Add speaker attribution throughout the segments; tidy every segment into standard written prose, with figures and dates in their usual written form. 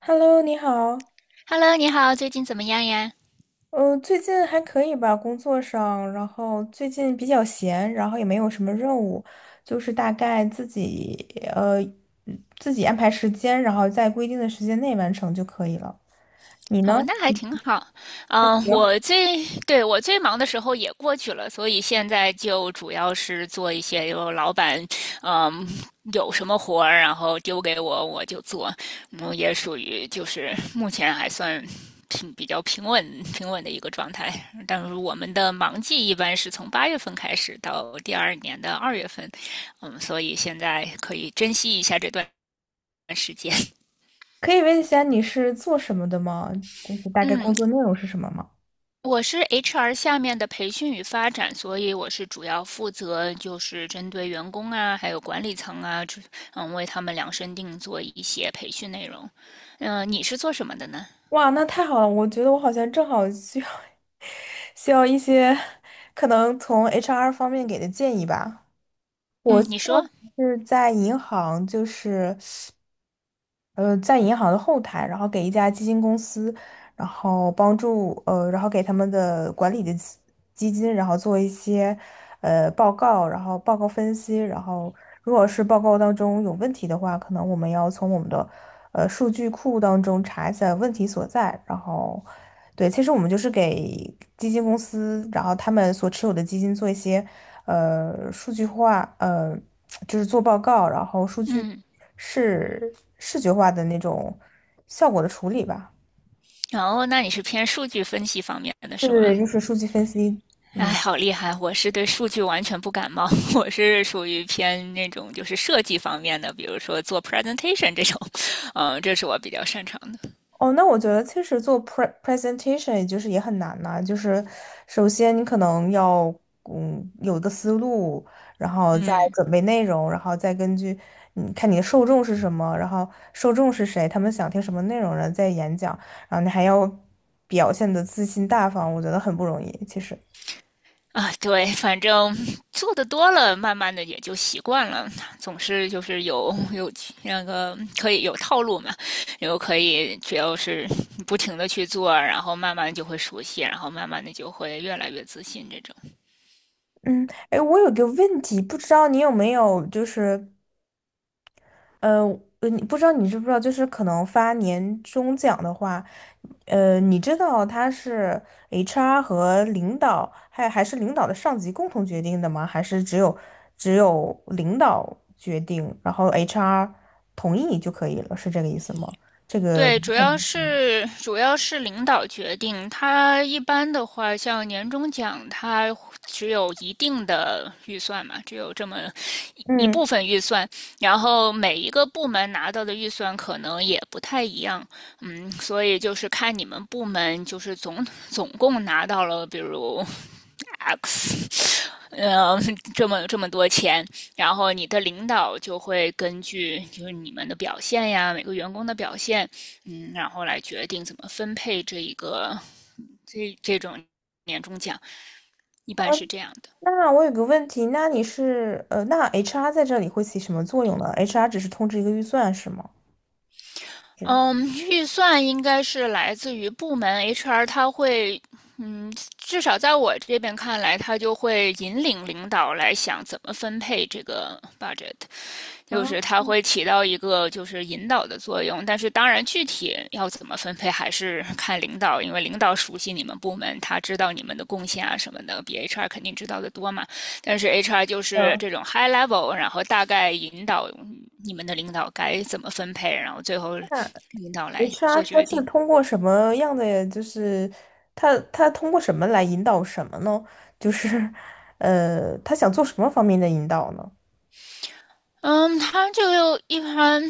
Speaker 1: Hello，你好。
Speaker 2: Hello，你好，最近怎么样呀？
Speaker 1: 最近还可以吧，工作上，然后最近比较闲，然后也没有什么任务，就是大概自己呃自己安排时间，然后在规定的时间内完成就可以了。你呢？
Speaker 2: 哦，那还挺好。
Speaker 1: 还行。
Speaker 2: 对，我最忙的时候也过去了，所以现在就主要是做一些有老板，嗯，有什么活儿，然后丢给我，我就做。也属于就是目前还算比较平稳的一个状态。但是我们的忙季一般是从8月份开始到第二年的2月份，所以现在可以珍惜一下这段时间。
Speaker 1: 可以问一下你是做什么的吗？就是大概
Speaker 2: 嗯，
Speaker 1: 工作内容是什么吗？
Speaker 2: 我是 HR 下面的培训与发展，所以我是主要负责就是针对员工啊，还有管理层啊，为他们量身定做一些培训内容。你是做什么的呢？
Speaker 1: 哇，那太好了！我觉得我好像正好需要 需要一些可能从 HR 方面给的建议吧。
Speaker 2: 嗯，你说，
Speaker 1: 就是在银行，就是。在银行的后台，然后给一家基金公司，然后帮助然后给他们的管理的基金，然后做一些报告，然后报告分析，然后如果是报告当中有问题的话，可能我们要从我们的数据库当中查一下问题所在，然后。对，其实我们就是给基金公司，然后他们所持有的基金做一些数据化，就是做报告，然后数据
Speaker 2: 嗯，
Speaker 1: 视觉化的那种效果的处理吧。
Speaker 2: 然后那你是偏数据分析方面的
Speaker 1: 对
Speaker 2: 是
Speaker 1: 对
Speaker 2: 吗？
Speaker 1: 对，就是数据分析。
Speaker 2: 哎，
Speaker 1: 嗯。
Speaker 2: 好厉害！我是对数据完全不感冒，我是属于偏那种就是设计方面的，比如说做 presentation 这种，这是我比较擅长的。
Speaker 1: 哦，那我觉得其实做 presentation 也就是也很难呐、就是首先你可能要有一个思路，然后再
Speaker 2: 嗯。
Speaker 1: 准备内容，然后再根据你看你的受众是什么，然后受众是谁，他们想听什么内容，然后再演讲，然后你还要表现的自信大方，我觉得很不容易，其实。
Speaker 2: 啊，对，反正做的多了，慢慢的也就习惯了。总是就是有那个可以有套路嘛，然后可以只要是不停的去做，然后慢慢就会熟悉，然后慢慢的就会越来越自信这种。
Speaker 1: 嗯，哎，我有个问题，不知道你有没有就是。呃，你不知道你知不知道，就是可能发年终奖的话，你知道它是 HR 和领导，还是领导的上级共同决定的吗？还是只有领导决定，然后 HR 同意就可以了，是这个意思吗？这个，
Speaker 2: 对，主要是领导决定。他一般的话，像年终奖，他只有一定的预算嘛，只有这么一部
Speaker 1: 嗯，
Speaker 2: 分预算。然后每一个部门拿到的预算可能也不太一样，所以就是看你们部门就是总共拿到了，比如 X 嗯，这么多钱，然后你的领导就会根据就是你们的表现呀，每个员工的表现，然后来决定怎么分配这种年终奖，一般是这样的。
Speaker 1: 那我有个问题，那你是呃，那 HR 在这里会起什么作用呢？HR 只是通知一个预算是吗？是。
Speaker 2: 嗯，预算应该是来自于部门 HR，他会，至少在我这边看来，他就会引领领导来想怎么分配这个 budget。就
Speaker 1: 啊，
Speaker 2: 是它会起到一个就是引导的作用，但是当然具体要怎么分配还是 看领导，因为领导熟悉你们部门，他知道你们的贡献啊什么的，比 HR 肯定知道的多嘛。但是 HR 就是这种 high level，然后大概引导你们的领导该怎么分配，然后最后领导来
Speaker 1: HR
Speaker 2: 做
Speaker 1: 他
Speaker 2: 决
Speaker 1: 是
Speaker 2: 定。
Speaker 1: 通过什么样的，就是他通过什么来引导什么呢？就是 他想做什么方面的引导呢？
Speaker 2: 嗯，他就一般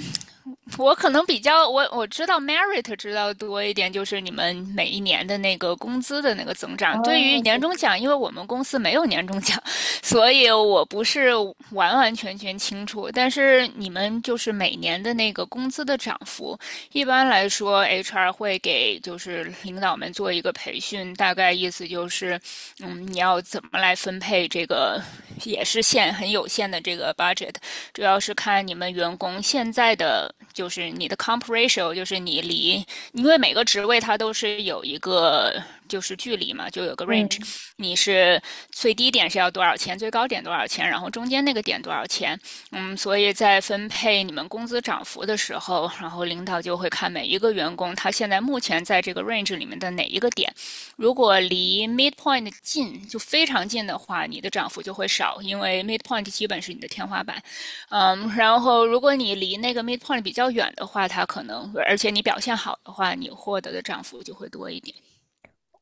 Speaker 2: 我可能比较我知道 merit 知道多一点，就是你们每一年的那个工资的那个增长。对于
Speaker 1: 啊，
Speaker 2: 年终奖，因为我们公司没有年终奖，所以我不是完完全全清楚。但是你们就是每年的那个工资的涨幅，一般来说 HR 会给就是领导们做一个培训，大概意思就是，你要怎么来分配这个也是很有限的这个 budget，主要是看你们员工现在的就是你的 comp ratio，就是你离，因为每个职位它都是有一个就是距离嘛，就有个 range，
Speaker 1: 嗯
Speaker 2: 你是最低点是要多少钱，最高点多少钱，然后中间那个点多少钱，所以在分配你们工资涨幅的时候，然后领导就会看每一个员工他现在目前在这个 range 里面的哪一个点，如果离 midpoint 近，就非常近的话，你的涨幅就会少，因为 midpoint 基本是你的天花板。然后如果你离那个 midpoint 比较远的话，它可能，而且你表现好的话，你获得的涨幅就会多一点。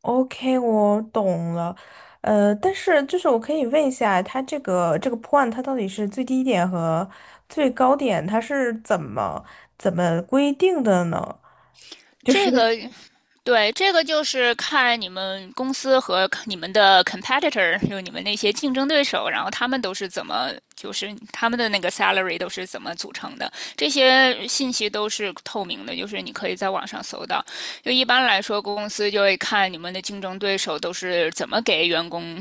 Speaker 1: ，OK，我懂了。但是就是我可以问一下，他这个 point 它到底是最低点和最高点，它是怎么规定的呢？就是。
Speaker 2: 这个对，这个就是看你们公司和你们的 competitor，就你们那些竞争对手，然后他们都是怎么，就是他们的那个 salary 都是怎么组成的，这些信息都是透明的，就是你可以在网上搜到。就一般来说，公司就会看你们的竞争对手都是怎么给员工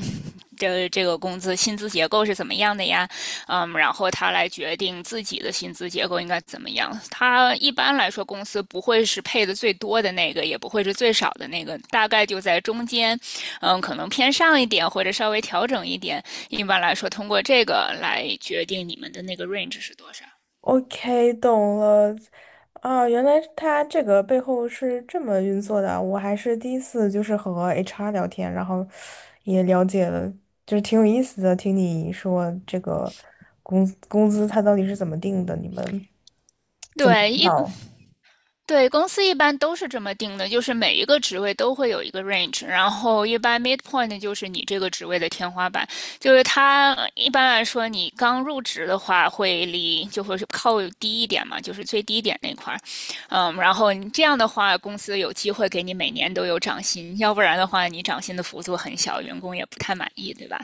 Speaker 2: 这个工资薪资结构是怎么样的呀？然后他来决定自己的薪资结构应该怎么样。他一般来说，公司不会是配的最多的那个，也不会是最少的那个，大概就在中间，可能偏上一点或者稍微调整一点。一般来说，通过这个来决定你们的那个 range 是多少。
Speaker 1: OK，懂了。啊，原来他这个背后是这么运作的。啊，我还是第一次就是和 HR 聊天，然后也了解了，就是挺有意思的。听你说这个工资他到底是怎么定的？你们
Speaker 2: 对，
Speaker 1: 好，
Speaker 2: 对，公司一般都是这么定的，就是每一个职位都会有一个 range，然后一般 midpoint 就是你这个职位的天花板，就是它一般来说你刚入职的话就会是靠低一点嘛，就是最低点那块儿，然后你这样的话公司有机会给你每年都有涨薪，要不然的话你涨薪的幅度很小，员工也不太满意，对吧？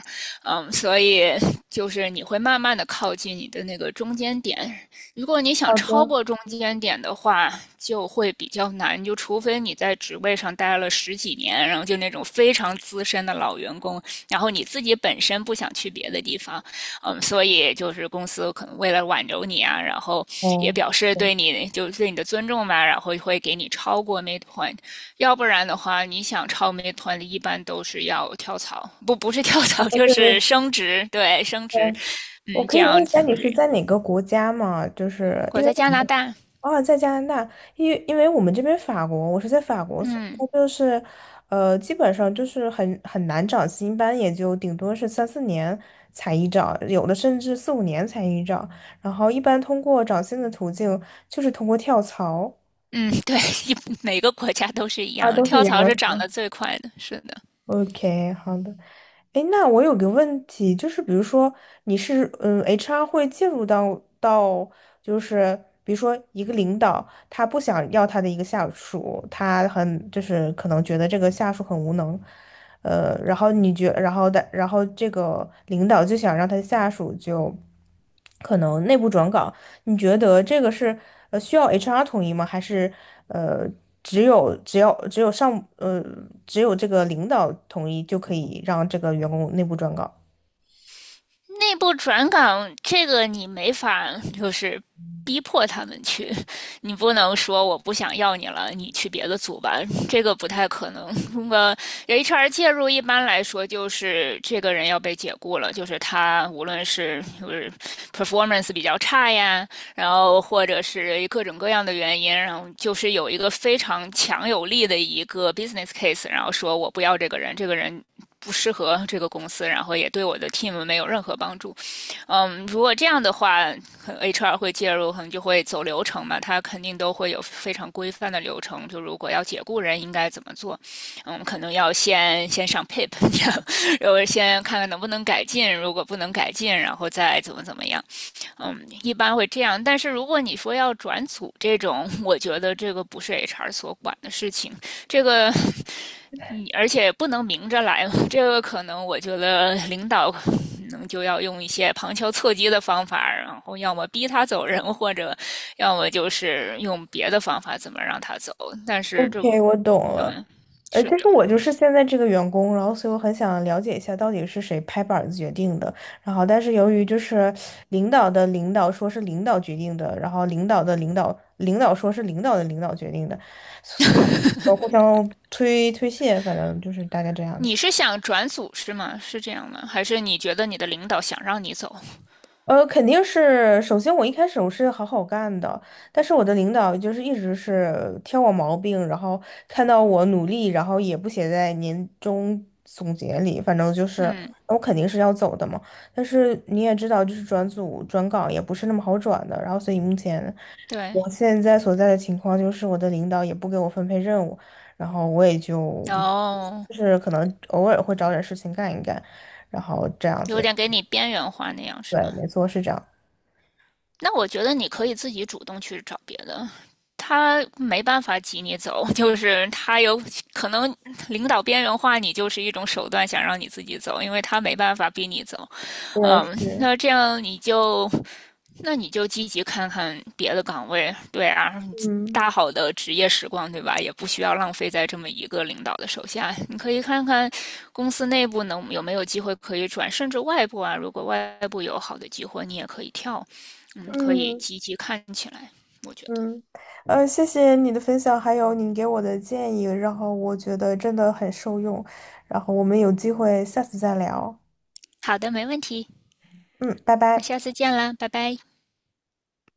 Speaker 2: 所以就是你会慢慢的靠近你的那个中间点，如果你想
Speaker 1: 好
Speaker 2: 超
Speaker 1: 的，
Speaker 2: 过中间点的话，就会比较难，就除非你在职位上待了10几年，然后就那种非常资深的老员工，然后你自己本身不想去别的地方，所以就是公司可能为了挽留你啊，然后也
Speaker 1: 哦，
Speaker 2: 表示
Speaker 1: 对，
Speaker 2: 对你就对你的尊重吧，然后会给你超过 midpoint，要不然的话，你想超 midpoint 一般都是要跳槽，不是跳槽
Speaker 1: 哦，
Speaker 2: 就
Speaker 1: 对
Speaker 2: 是
Speaker 1: 对
Speaker 2: 升职，对，升
Speaker 1: 对，
Speaker 2: 职，
Speaker 1: 我可
Speaker 2: 这
Speaker 1: 以问
Speaker 2: 样
Speaker 1: 一下你是
Speaker 2: 对。
Speaker 1: 在哪个国家吗？就是
Speaker 2: 我
Speaker 1: 因为。
Speaker 2: 在加拿大。
Speaker 1: 啊，在加拿大，因为我们这边法国，我是在法国，所以
Speaker 2: 嗯
Speaker 1: 就是，基本上就是很难找新班，也就顶多是三四年才一找，有的甚至四五年才一找，然后一般通过找新的途径就是通过跳槽
Speaker 2: 嗯，对，一每个国家都是一样
Speaker 1: 啊，
Speaker 2: 的，
Speaker 1: 都是一
Speaker 2: 跳
Speaker 1: 样
Speaker 2: 槽
Speaker 1: 的。
Speaker 2: 是涨得最快的，是的。
Speaker 1: OK，好的。哎，那我有个问题，就是比如说你是HR 会介入到，就是比如说一个领导他不想要他的一个下属，他很就是可能觉得这个下属很无能，然后你觉然后的然后这个领导就想让他下属就可能内部转岗，你觉得这个是需要 HR 统一吗？还是呃只有只要只有上呃只有这个领导统一就可以让这个员工内部转岗
Speaker 2: 内部转岗这个你没法就是逼迫他们去，你不能说我不想要你了，你去别的组吧，这个不太可能。那么 HR 介入，一般来说就是这个人要被解雇了，就是他无论是就是 performance 比较差呀，然后或者是各种各样的原因，然后就是有一个非常强有力的一个 business case，然后说我不要这个人，这个人不适合这个公司，然后也对我的 team 没有任何帮助。如果这样的话，HR 会介入，可能就会走流程嘛，他肯定都会有非常规范的流程。就如果要解雇人，应该怎么做？可能要先上 PIP，然后先看看能不能改进，如果不能改进，然后再怎么怎么样。一般会这样，但是如果你说要转组这种，我觉得这个不是 HR 所管的事情，这个你而且不能明着来，这个可能我觉得领导可能就要用一些旁敲侧击的方法，然后要么逼他走人，或者要么就是用别的方法怎么让他走，但是这不，
Speaker 1: ？OK，我懂
Speaker 2: 对，
Speaker 1: 了。其
Speaker 2: 是的。
Speaker 1: 实我就是现在这个员工，然后所以我很想了解一下到底是谁拍板子决定的。然后，但是由于就是领导的领导说是领导决定的，然后领导的领导说是领导的领导决定的，互相推卸，反正就是大概这样子。
Speaker 2: 你是想转组是吗？是这样吗？还是你觉得你的领导想让你走？
Speaker 1: 肯定是，首先我一开始我是好好干的，但是我的领导就是一直是挑我毛病，然后看到我努力，然后也不写在年终总结里，反正就是
Speaker 2: 嗯，
Speaker 1: 我肯定是要走的嘛。但是你也知道，就是转组转岗也不是那么好转的，然后所以目前
Speaker 2: 对。
Speaker 1: 我现在所在的情况就是我的领导也不给我分配任务，然后我也就
Speaker 2: 哦，
Speaker 1: 就是可能偶尔会找点事情干一干，然后这样
Speaker 2: 有
Speaker 1: 子，
Speaker 2: 点给你边缘化那样是
Speaker 1: 对，
Speaker 2: 吗？
Speaker 1: 没错，是这样，
Speaker 2: 那我觉得你可以自己主动去找别的，他没办法挤你走，就是他有可能领导边缘化你，就是一种手段，想让你自己走，因为他没办法逼你走。
Speaker 1: 对，
Speaker 2: 嗯，
Speaker 1: 是。
Speaker 2: 那这样你就那你就积极看看别的岗位，对啊，
Speaker 1: 嗯
Speaker 2: 大好的职业时光，对吧？也不需要浪费在这么一个领导的手下。你可以看看公司内部能有没有机会可以转，甚至外部啊，如果外部有好的机会，你也可以跳。可以
Speaker 1: 嗯
Speaker 2: 积极看起来，我觉得。
Speaker 1: 嗯，谢谢你的分享，还有你给我的建议，然后我觉得真的很受用，然后我们有机会下次再聊，
Speaker 2: 好的，没问题。
Speaker 1: 嗯，拜
Speaker 2: 那下
Speaker 1: 拜。
Speaker 2: 次见啦，拜拜。